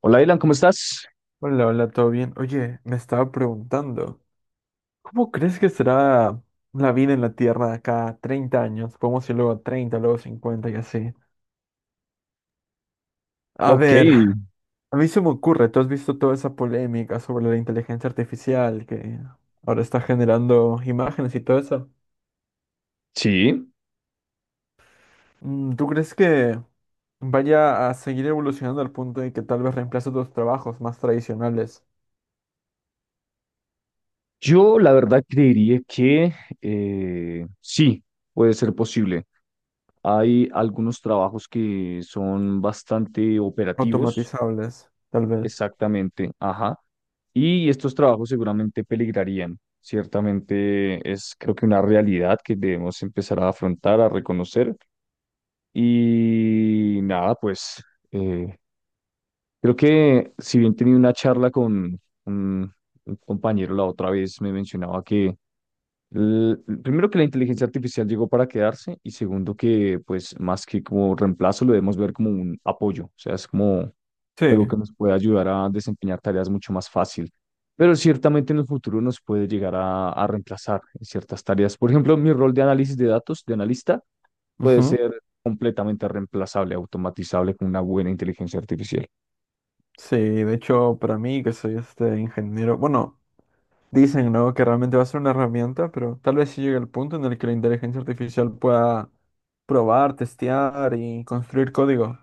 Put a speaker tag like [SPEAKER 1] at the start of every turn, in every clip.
[SPEAKER 1] Hola, Dylan, ¿cómo estás?
[SPEAKER 2] Hola, hola, ¿todo bien? Oye, me estaba preguntando, ¿cómo crees que será la vida en la Tierra de acá a 30 años? Podemos ir luego a 30, luego a 50 y así. A
[SPEAKER 1] Ok,
[SPEAKER 2] ver, a mí se me ocurre, tú has visto toda esa polémica sobre la inteligencia artificial que ahora está generando imágenes y todo eso.
[SPEAKER 1] sí.
[SPEAKER 2] ¿Tú crees que vaya a seguir evolucionando al punto de que tal vez reemplace otros trabajos más tradicionales,
[SPEAKER 1] Yo la verdad creería que sí, puede ser posible. Hay algunos trabajos que son bastante operativos,
[SPEAKER 2] automatizables, tal vez?
[SPEAKER 1] exactamente, ajá. Y estos trabajos seguramente peligrarían. Ciertamente es creo que una realidad que debemos empezar a afrontar, a reconocer. Y nada, eh, creo que si bien tenía una charla con un, un compañero la otra vez, me mencionaba que l- primero que la inteligencia artificial llegó para quedarse y segundo que pues más que como reemplazo lo debemos ver como un apoyo, o sea, es como algo
[SPEAKER 2] Sí.
[SPEAKER 1] que nos puede ayudar a desempeñar tareas mucho más fácil, pero ciertamente en el futuro nos puede llegar a reemplazar en ciertas tareas. Por ejemplo, mi rol de análisis de datos, de analista, puede ser completamente reemplazable, automatizable con una buena inteligencia artificial.
[SPEAKER 2] Sí, de hecho, para mí, que soy este ingeniero, bueno, dicen, ¿no? que realmente va a ser una herramienta, pero tal vez sí llegue el punto en el que la inteligencia artificial pueda probar, testear y construir código.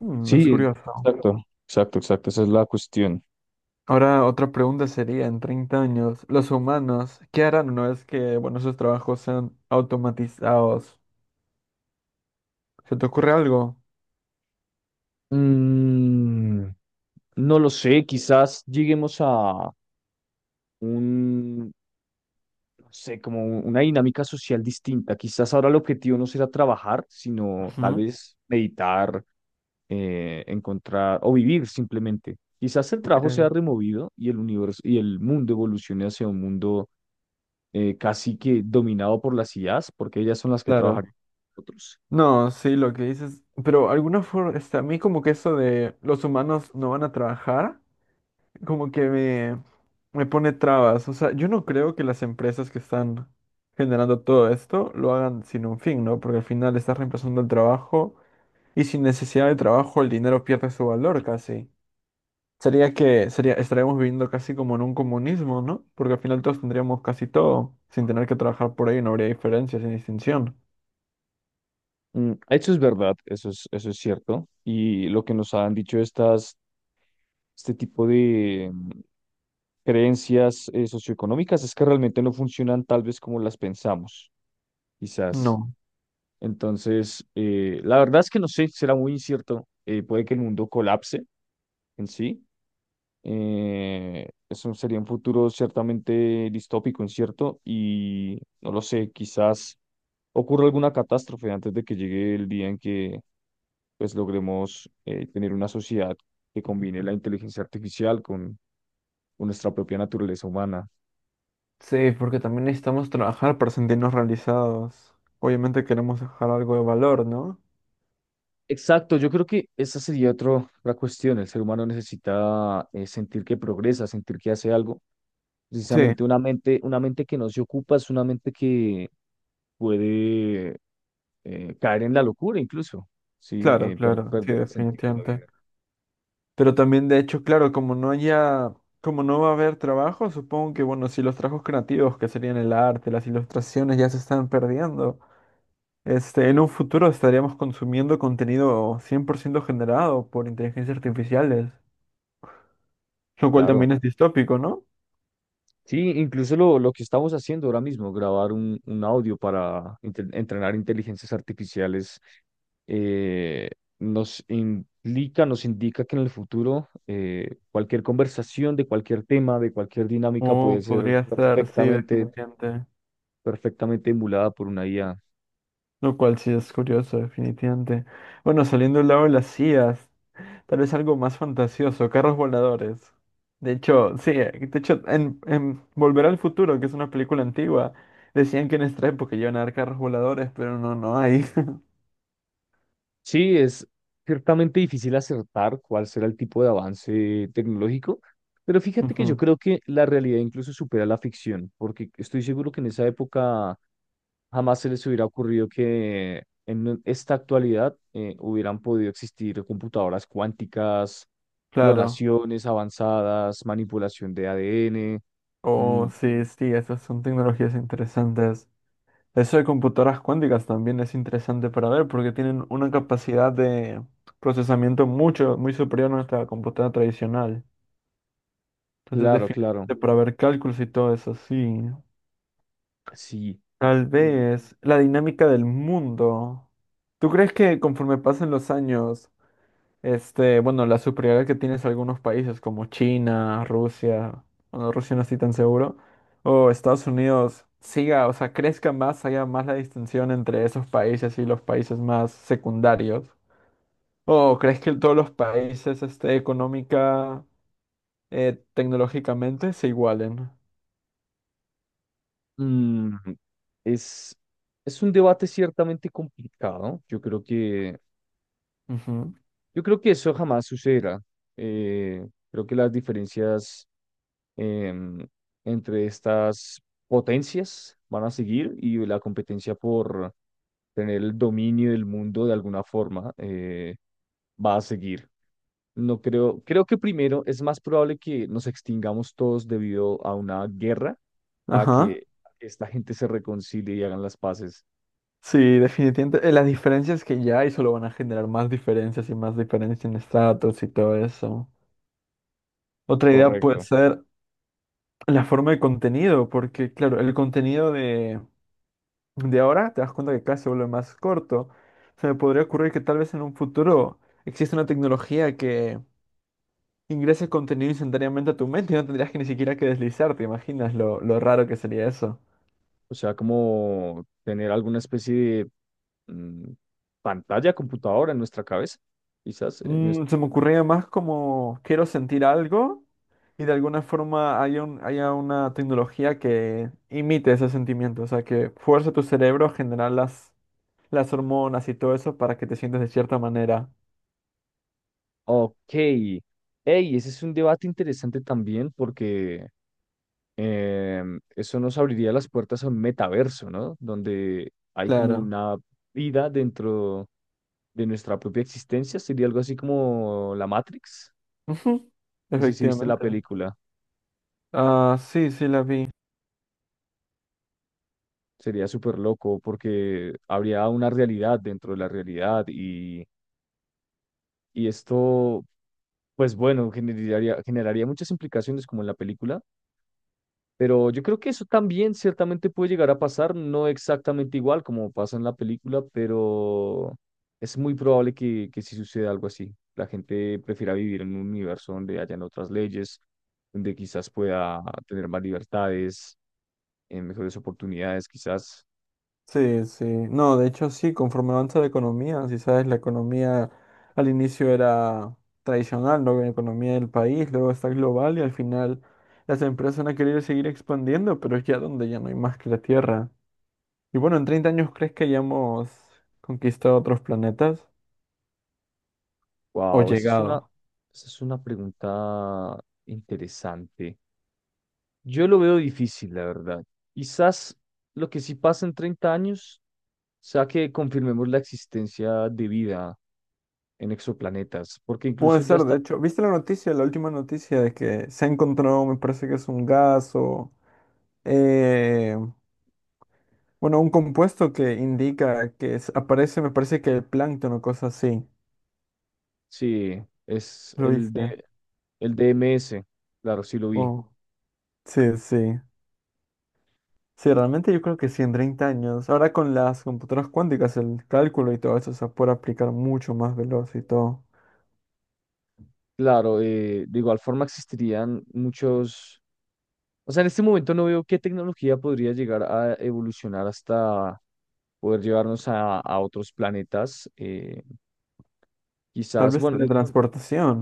[SPEAKER 2] Mm, es
[SPEAKER 1] Sí,
[SPEAKER 2] curioso.
[SPEAKER 1] exacto, exacto, exacto, esa es la cuestión.
[SPEAKER 2] Ahora, otra pregunta sería, en 30 años, ¿los humanos qué harán una vez que, bueno, esos trabajos sean automatizados? ¿Se te ocurre algo?
[SPEAKER 1] Mm, no lo sé, quizás lleguemos a un, no sé, como una dinámica social distinta. Quizás ahora el objetivo no será trabajar, sino tal
[SPEAKER 2] Ujú.
[SPEAKER 1] vez meditar, encontrar o vivir simplemente. Quizás el
[SPEAKER 2] ¿Tú
[SPEAKER 1] trabajo
[SPEAKER 2] crees?
[SPEAKER 1] sea removido y el universo y el mundo evolucione hacia un mundo casi que dominado por las IAs, porque ellas son las que trabajan
[SPEAKER 2] Claro.
[SPEAKER 1] con nosotros.
[SPEAKER 2] No, sí, lo que dices, pero alguna forma, este, a mí como que eso de los humanos no van a trabajar. Como que me pone trabas. O sea, yo no creo que las empresas que están generando todo esto lo hagan sin un fin, ¿no? Porque al final estás reemplazando el trabajo y sin necesidad de trabajo el dinero pierde su valor casi. Sería que sería, estaríamos viviendo casi como en un comunismo, ¿no? Porque al final todos tendríamos casi todo, sin tener que trabajar por ahí, no habría diferencias sin distinción.
[SPEAKER 1] Mm, eso es verdad, eso es cierto. Y lo que nos han dicho estas, este tipo de creencias socioeconómicas es que realmente no funcionan tal vez como las pensamos, quizás.
[SPEAKER 2] No.
[SPEAKER 1] Entonces, la verdad es que no sé, será muy incierto. Puede que el mundo colapse en sí. Eso sería un futuro ciertamente distópico, incierto, y no lo sé, quizás ocurra alguna catástrofe antes de que llegue el día en que pues logremos tener una sociedad que combine la inteligencia artificial con nuestra propia naturaleza humana.
[SPEAKER 2] Sí, porque también necesitamos trabajar para sentirnos realizados. Obviamente queremos dejar algo de valor, ¿no?
[SPEAKER 1] Exacto, yo creo que esa sería otra cuestión. El ser humano necesita sentir que progresa, sentir que hace algo.
[SPEAKER 2] Sí.
[SPEAKER 1] Precisamente una mente que no se ocupa es una mente que puede caer en la locura incluso, ¿sí?
[SPEAKER 2] Claro, claro, sí,
[SPEAKER 1] Perder el sentido de la
[SPEAKER 2] definitivamente.
[SPEAKER 1] vida.
[SPEAKER 2] Pero también, de hecho, claro, como no va a haber trabajo, supongo que, bueno, si los trabajos creativos, que serían el arte, las ilustraciones, ya se están perdiendo, este, en un futuro estaríamos consumiendo contenido 100% generado por inteligencias artificiales, lo cual
[SPEAKER 1] Claro.
[SPEAKER 2] también es distópico, ¿no?
[SPEAKER 1] Sí, incluso lo que estamos haciendo ahora mismo, grabar un audio para entrenar inteligencias artificiales, eh, nos implica, nos indica que en el futuro cualquier conversación de cualquier tema, de cualquier dinámica puede
[SPEAKER 2] O
[SPEAKER 1] ser
[SPEAKER 2] podría estar, sí,
[SPEAKER 1] perfectamente,
[SPEAKER 2] definitivamente.
[SPEAKER 1] perfectamente emulada por una IA.
[SPEAKER 2] Lo cual sí es curioso, definitivamente. Bueno, saliendo del lado de las IAs. Tal vez algo más fantasioso, carros voladores. De hecho, sí, de hecho, en Volver al Futuro, que es una película antigua, decían que en esta época iban a dar carros voladores, pero no, no hay.
[SPEAKER 1] Sí, es ciertamente difícil acertar cuál será el tipo de avance tecnológico, pero fíjate que yo
[SPEAKER 2] Ujú,
[SPEAKER 1] creo que la realidad incluso supera la ficción, porque estoy seguro que en esa época jamás se les hubiera ocurrido que en esta actualidad hubieran podido existir computadoras cuánticas,
[SPEAKER 2] claro.
[SPEAKER 1] clonaciones avanzadas, manipulación de ADN. Mm,
[SPEAKER 2] Oh, sí, sí, esas son tecnologías interesantes. Eso de computadoras cuánticas también es interesante para ver porque tienen una capacidad de procesamiento muy superior a nuestra computadora tradicional. Entonces,
[SPEAKER 1] claro, claro,
[SPEAKER 2] definitivamente para ver cálculos y todo eso, sí.
[SPEAKER 1] sí.
[SPEAKER 2] Tal
[SPEAKER 1] Eh,
[SPEAKER 2] vez la dinámica del mundo. ¿Tú crees que conforme pasen los años, este, bueno, la superioridad que tienes algunos países como China, Rusia, bueno, Rusia no estoy tan seguro, o Estados Unidos siga, o sea, crezca más, haya más la distinción entre esos países y los países más secundarios? ¿O crees que todos los países, este, económica, tecnológicamente se igualen?
[SPEAKER 1] mm, es, es un debate ciertamente complicado.
[SPEAKER 2] Ujú.
[SPEAKER 1] Yo creo que eso jamás sucederá. Creo que las diferencias em, entre estas potencias van a seguir y la competencia por tener el dominio del mundo de alguna forma va a seguir. No creo, creo que primero es más probable que nos extingamos todos debido a una guerra, a
[SPEAKER 2] Ajá.
[SPEAKER 1] que esta gente se reconcilie y hagan las paces.
[SPEAKER 2] Sí, definitivamente. Las diferencias que ya hay solo van a generar más diferencias y más diferencias en estratos y todo eso. Otra idea puede
[SPEAKER 1] Correcto.
[SPEAKER 2] ser la forma de contenido, porque claro, el contenido de ahora te das cuenta que cada vez se vuelve más corto. Se me podría ocurrir que tal vez en un futuro exista una tecnología que ingrese contenido instantáneamente a tu mente y no tendrías que ni siquiera que deslizar, ¿te imaginas lo raro que sería eso?
[SPEAKER 1] O sea, como tener alguna especie de mm, pantalla, computadora en nuestra cabeza, quizás.
[SPEAKER 2] Se me ocurría más como quiero sentir algo. Y de alguna forma haya una tecnología que imite ese sentimiento, o sea, que fuerce tu cerebro a generar las hormonas y todo eso para que te sientas de cierta manera.
[SPEAKER 1] Ok. Ey, ese es un debate interesante también porque eso nos abriría las puertas a un metaverso, ¿no? Donde hay como
[SPEAKER 2] Claro.
[SPEAKER 1] una vida dentro de nuestra propia existencia. Sería algo así como la Matrix.
[SPEAKER 2] Ujú,
[SPEAKER 1] No sé si viste la
[SPEAKER 2] efectivamente.
[SPEAKER 1] película.
[SPEAKER 2] Ah, sí, sí la vi.
[SPEAKER 1] Sería súper loco porque habría una realidad dentro de la realidad y esto, pues bueno, generaría muchas implicaciones como en la película. Pero yo creo que eso también ciertamente puede llegar a pasar, no exactamente igual como pasa en la película, pero es muy probable que sí suceda algo así. La gente prefiera vivir en un universo donde hayan otras leyes, donde quizás pueda tener más libertades, mejores oportunidades, quizás.
[SPEAKER 2] Sí, sí. No, de hecho sí, conforme avanza la economía, si sabes, la economía al inicio era tradicional, luego la economía del país, luego está global y al final las empresas van a querer seguir expandiendo, pero es ya donde ya no hay más que la tierra. Y bueno, en 30 años, ¿crees que hayamos conquistado otros planetas o
[SPEAKER 1] Wow, esa es una,
[SPEAKER 2] llegado?
[SPEAKER 1] esa es una pregunta interesante. Yo lo veo difícil, la verdad. Quizás lo que sí pasa en 30 años sea que confirmemos la existencia de vida en exoplanetas, porque
[SPEAKER 2] Puede
[SPEAKER 1] incluso ya
[SPEAKER 2] ser, de
[SPEAKER 1] está,
[SPEAKER 2] hecho, ¿viste la noticia, la última noticia de que se ha encontrado, me parece que es un gas o, eh, bueno, un compuesto que indica que aparece, me parece que el plancton o cosas así.
[SPEAKER 1] sí, es
[SPEAKER 2] ¿Lo
[SPEAKER 1] el
[SPEAKER 2] viste?
[SPEAKER 1] de el DMS, claro, sí lo vi.
[SPEAKER 2] Oh, sí, sí. Sí, realmente yo creo que sí, en 30 años. Ahora con las computadoras cuánticas, el cálculo y todo eso se puede aplicar mucho más veloz y todo.
[SPEAKER 1] Claro, de igual forma existirían muchos, o sea, en este momento no veo qué tecnología podría llegar a evolucionar hasta poder llevarnos a otros planetas.
[SPEAKER 2] Tal
[SPEAKER 1] Quizás,
[SPEAKER 2] vez
[SPEAKER 1] bueno,
[SPEAKER 2] teletransportación.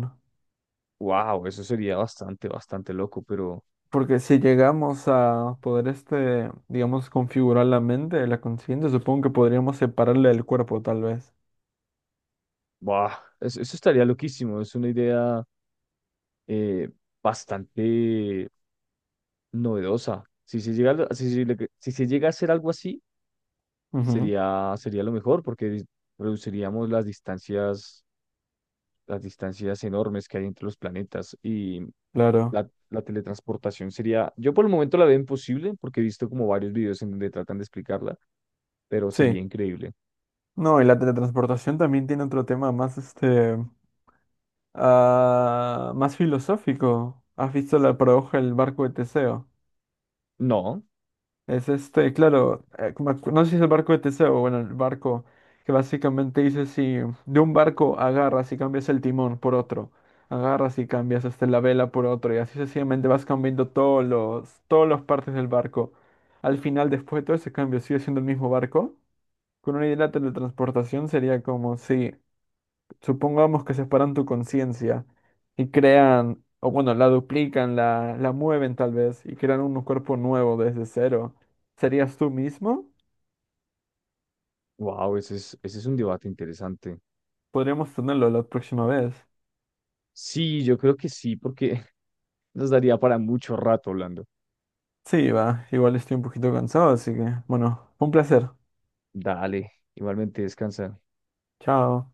[SPEAKER 1] Wow, eso sería bastante, bastante loco, pero
[SPEAKER 2] Porque si llegamos a poder, este, digamos, configurar la mente, la conciencia, supongo que podríamos separarla del cuerpo, tal vez.
[SPEAKER 1] wow, eso estaría loquísimo. Es una idea eh, bastante novedosa. Si se llega, a lo- si, se le- Si se llega a hacer algo así,
[SPEAKER 2] Ujú,
[SPEAKER 1] sería lo mejor porque reduciríamos las distancias enormes que hay entre los planetas y
[SPEAKER 2] claro.
[SPEAKER 1] la teletransportación sería, yo por el momento la veo imposible porque he visto como varios videos en donde tratan de explicarla, pero
[SPEAKER 2] Sí.
[SPEAKER 1] sería increíble.
[SPEAKER 2] No, y la teletransportación también tiene otro tema más, este, más filosófico. ¿Has visto la paradoja del barco de Teseo?
[SPEAKER 1] No,
[SPEAKER 2] Es este, claro, no sé si es el barco de Teseo, bueno, el barco que básicamente dice si de un barco agarras y cambias el timón por otro, agarras y cambias este, la vela por otro, y así sencillamente vas cambiando todas las partes del barco. Al final, después de todo ese cambio, sigue siendo el mismo barco. Con una idea de teletransportación sería como si supongamos que separan tu conciencia y crean, o bueno, la duplican, la mueven tal vez y crean un cuerpo nuevo desde cero. ¿Serías tú mismo?
[SPEAKER 1] wow, ese es un debate interesante.
[SPEAKER 2] Podríamos tenerlo la próxima vez.
[SPEAKER 1] Sí, yo creo que sí, porque nos daría para mucho rato hablando.
[SPEAKER 2] Sí, va, igual estoy un poquito cansado, así que, bueno, un placer.
[SPEAKER 1] Dale, igualmente descansa.
[SPEAKER 2] Chao.